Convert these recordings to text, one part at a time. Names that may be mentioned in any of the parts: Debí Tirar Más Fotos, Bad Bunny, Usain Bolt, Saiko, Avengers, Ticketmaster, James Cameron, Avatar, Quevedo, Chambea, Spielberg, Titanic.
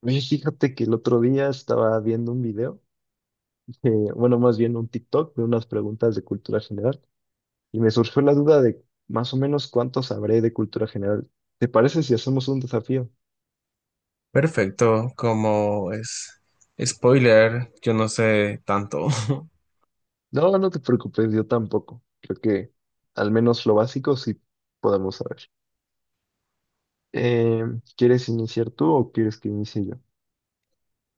Oye, fíjate que el otro día estaba viendo un video, eh, bueno, más bien un TikTok de unas preguntas de cultura general y me surgió la duda de más o menos cuánto sabré de cultura general. ¿Te parece si hacemos un desafío? Perfecto, como es spoiler, yo no sé tanto. No, no te preocupes, yo tampoco. Creo que al menos lo básico sí podemos saber. Eh, ¿Quieres iniciar tú o quieres que inicie yo?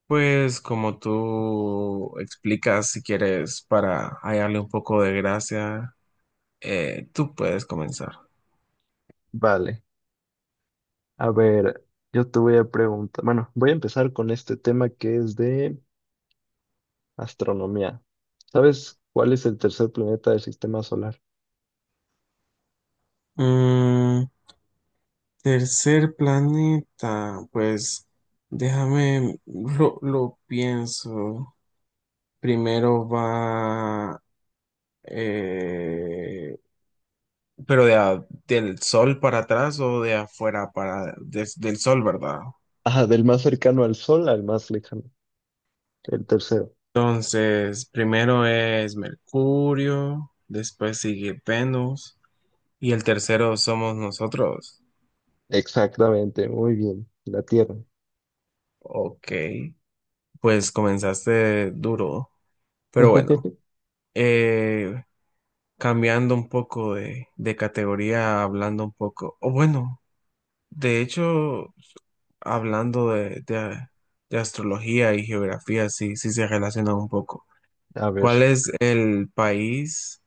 Pues como tú explicas, si quieres, para hallarle un poco de gracia, tú puedes comenzar. Vale, a ver, yo te voy a preguntar, bueno, voy a empezar con este tema que es de astronomía. ¿Sabes cuál es el tercer planeta del sistema solar? Mm, Tercer planeta, pues déjame, lo pienso. Primero va. Pero del sol para atrás o de afuera para del sol, ¿verdad? Ah, del más cercano al Sol al más lejano. El tercero. Entonces, primero es Mercurio, después sigue Venus y el tercero somos nosotros. Exactamente, muy bien. La Tierra. Ok, pues comenzaste duro, pero bueno, eh, cambiando un poco de, categoría, hablando un poco, o bueno, de hecho, hablando de astrología y geografía, sí, sí se relacionan un poco. A ver. ¿Cuál es el país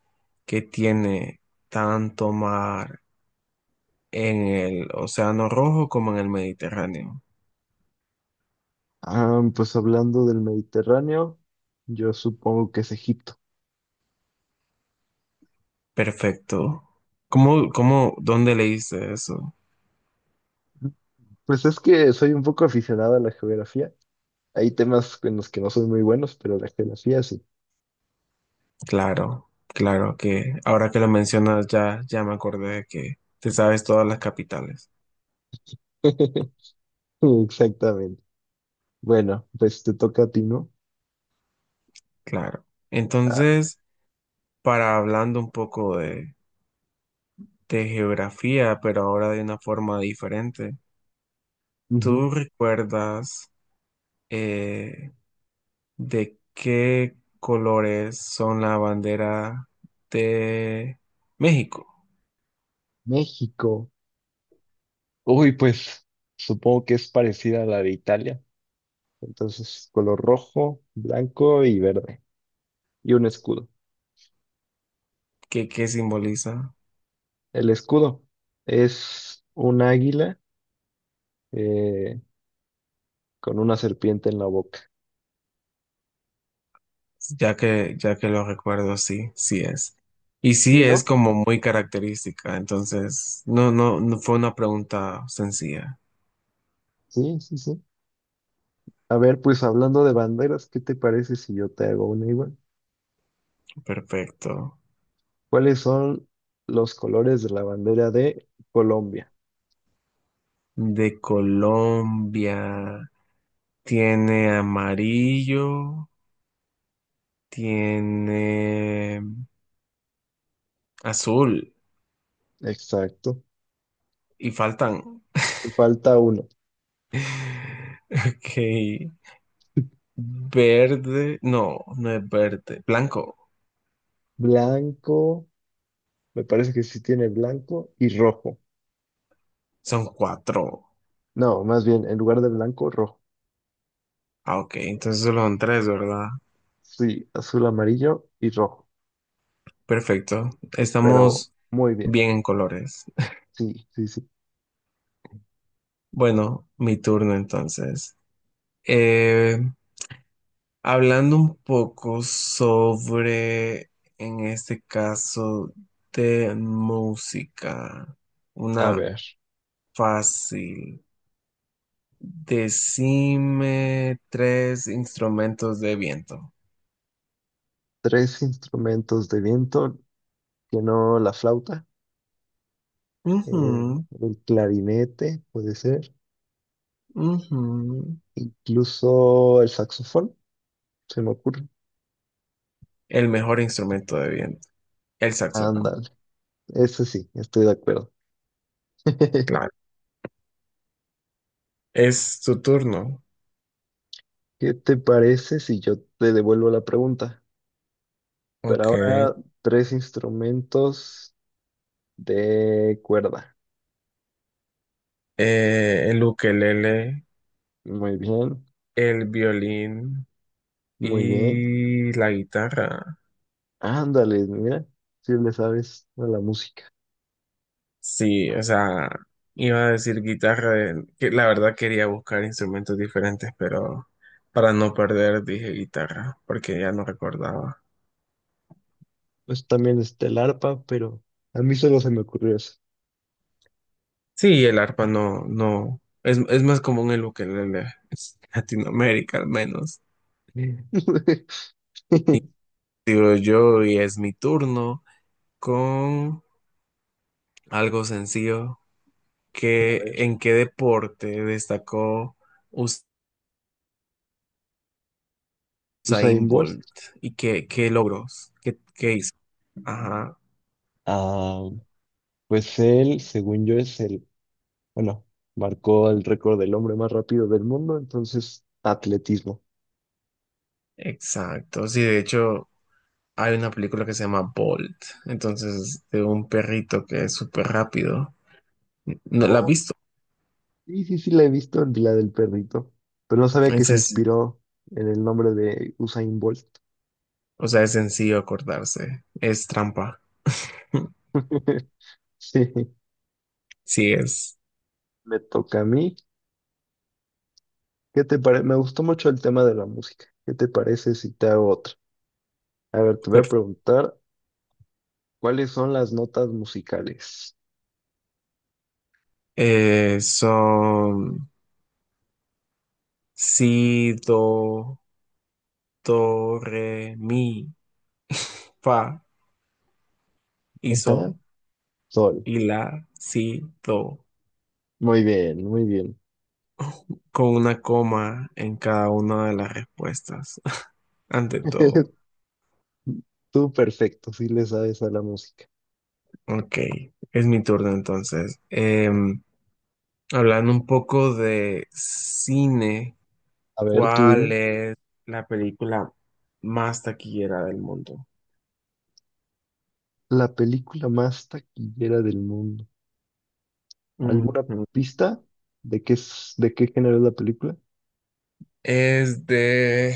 que tiene tanto mar en el Océano Rojo como en el Mediterráneo? Ah, pues hablando del Mediterráneo, yo supongo que es Egipto. Perfecto. ¿ dónde leíste eso? Pues es que soy un poco aficionado a la geografía. Hay temas en los que no soy muy buenos, pero la geografía sí. Claro, claro que ahora que lo mencionas ya, ya me acordé de que te sabes todas las capitales. Exactamente. Bueno, pues te toca a ti, ¿no? Claro. Ah, Entonces, para hablando un poco de geografía, pero ahora de una forma diferente, ujú. ¿tú recuerdas? eh, de qué colores son la bandera de México? México. Uy, pues supongo que es parecida a la de Italia. Entonces, color rojo, blanco y verde. Y un escudo. ¿Qué simboliza? El escudo es un águila, eh, con una serpiente en la boca. Ya que lo recuerdo, sí, sí es. Y ¿Sí, sí es no? como muy característica, entonces no, no, no fue una pregunta sencilla. Sí, sí, sí. A ver, pues hablando de banderas, ¿qué te parece si yo te hago una igual? Perfecto. ¿Cuáles son los colores de la bandera de Colombia? De Colombia tiene amarillo, tiene azul Exacto. y faltan. Te falta uno. Ok, verde, no, no es verde, blanco. Blanco, me parece que sí tiene blanco y rojo. Son cuatro. No, más bien, en lugar de blanco, rojo. Ah, ok, entonces solo son tres, ¿verdad? Sí, azul, amarillo y rojo. Perfecto. Pero Estamos muy bien. bien en colores. Sí, sí, sí. Bueno, mi turno entonces. Eh, hablando un poco sobre, en este caso, de música, A una ver, fácil. Decime tres instrumentos de viento. tres instrumentos de viento que no la flauta, eh, Ujú. el clarinete puede ser, Ujú. incluso el saxofón, se me ocurre. El mejor instrumento de viento, el saxofón. Ándale, ese sí, estoy de acuerdo. Claro. Es tu turno. ¿Qué te parece si yo te devuelvo la pregunta? Pero Ok. ahora tres instrumentos de cuerda. El ukelele, Muy bien, el violín muy bien. y la guitarra. Ándale, mira, si le sabes a la música. Sí, o sea, iba a decir guitarra, que la verdad quería buscar instrumentos diferentes, pero para no perder dije guitarra, porque ya no recordaba. Pues también está el arpa, pero a mí solo se me ocurrió eso. Sí, el arpa no, no, es más común el ukelele, es Latinoamérica al menos. Digo yo, y es mi turno con algo sencillo. A ¿Qué, ver, en qué deporte destacó Usain Usain Bolt. Bolt? ¿Y qué logros? ¿Qué hizo? Ajá, Ah, pues él, según yo, es el, bueno, marcó el récord del hombre más rápido del mundo, entonces atletismo. exacto. Sí, de hecho, hay una película que se llama Bolt. Entonces, de un perrito que es súper rápido. ¿No la has Oh, visto? sí, sí, sí, la he visto en la del perrito, pero no sabía que Es, se es- inspiró en el nombre de Usain Bolt. o sea, es sencillo acordarse. Es trampa. Sí, Sí, es. me toca a mí. ¿Qué te parece? Me gustó mucho el tema de la música. ¿Qué te parece si te hago otra? A ver, te voy a Per- preguntar cuáles son las notas musicales. Son Si, do, do, re, mi, fa y Ajá, sol sol. y la, si, do, Muy bien, muy bien. con una coma en cada una de las respuestas, ante todo. Tú perfecto, sí le sabes a la música. Ok, es mi turno entonces. Hablando un poco de cine, A ver, tú ¿cuál dime. es la película más taquillera del mundo? La película más taquillera del mundo. ¿Alguna Ujú. pista de qué es, de qué género es la película? Es de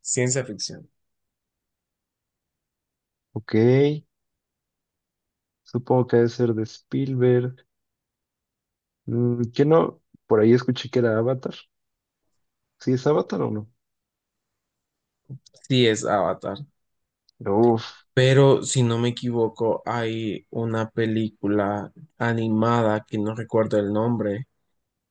ciencia ficción. Ok, supongo que debe ser de Spielberg. Mm, ¿qué no? Por ahí escuché que era Avatar. ¿Sí es Avatar o no? Sí, es Avatar. Uf, Pero si no me equivoco, hay una película animada que no recuerdo el nombre,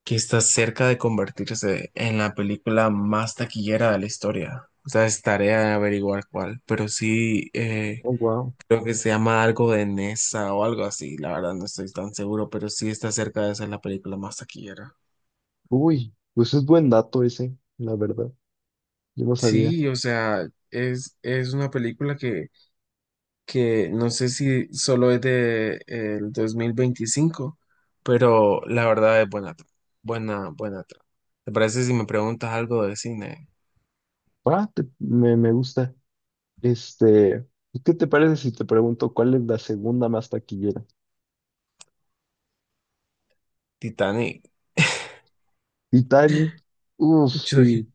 que está cerca de convertirse en la película más taquillera de la historia. O sea, es tarea de averiguar cuál, pero sí oh, wow. creo que se llama algo de Nessa o algo así. La verdad no estoy tan seguro, pero sí está cerca de ser la película más taquillera. Uy, pues es buen dato ese, la verdad. Yo no sabía. Sí, o sea, es una película que no sé si solo es de el 2025, pero la verdad es buena, buena, buena trama. ¿Te parece si me preguntas algo de cine? Ah, me, me gusta. Este, ¿qué te parece si te pregunto cuál es la segunda más taquillera? Titanic. Titanic. Uf, Yo, di- sí,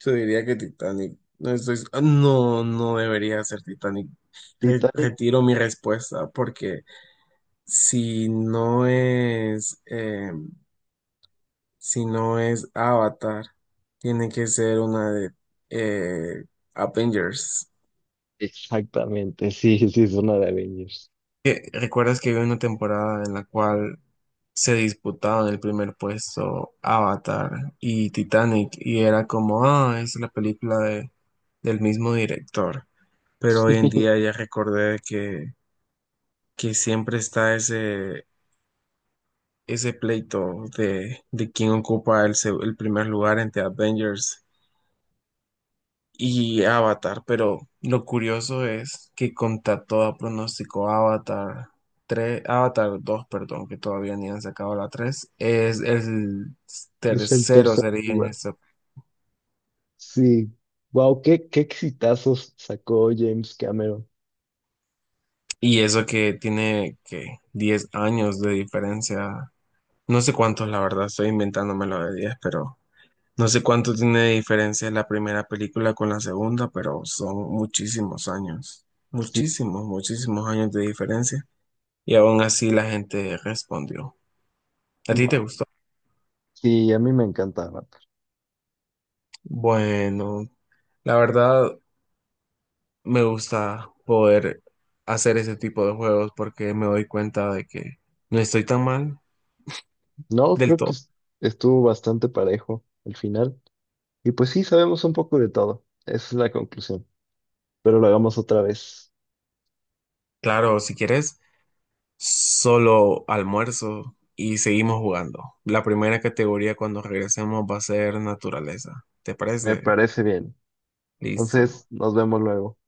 yo diría que Titanic. No estoy, no, no debería ser Titanic. Titanic. Retiro mi respuesta porque si no es, si no es Avatar, tiene que ser una de eh, Avengers. Exactamente, sí, sí, es una de Avengers. ¿ ¿Recuerdas que había una temporada en la cual se disputaban el primer puesto Avatar y Titanic? Y era como, es la película del mismo director. Pero hoy en Sí, día ya recordé que, siempre está ese, pleito de quién ocupa el primer lugar entre Avengers y Avatar, pero lo curioso es que contra todo pronóstico Avatar tres, Avatar 2 perdón, que todavía ni han sacado la tres, es el es el tercero tercer sería en lugar. eso. Sí. Wow, qué, qué exitazos sacó James Cameron. Y eso que tiene que 10 años de diferencia, no sé cuántos, la verdad, estoy inventándomelo de 10, pero no sé cuánto tiene de diferencia la primera película con la segunda, pero son muchísimos años, Sí, muchísimos, muchísimos años de diferencia. Y aún así la gente respondió. ¿A ti te wow. gustó? Sí, a mí me encantaba. Bueno, la verdad me gusta poder hacer ese tipo de juegos porque me doy cuenta de que no estoy tan mal No, del creo que todo. es- Estuvo bastante parejo al final. Y pues sí, sabemos un poco de todo. Esa es la conclusión. Pero lo hagamos otra vez. Claro, si quieres, solo almuerzo y seguimos jugando. La primera categoría cuando regresemos va a ser naturaleza. ¿Te Me parece? parece bien. Entonces, Listo. nos vemos luego.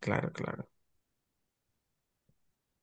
Claro, claro.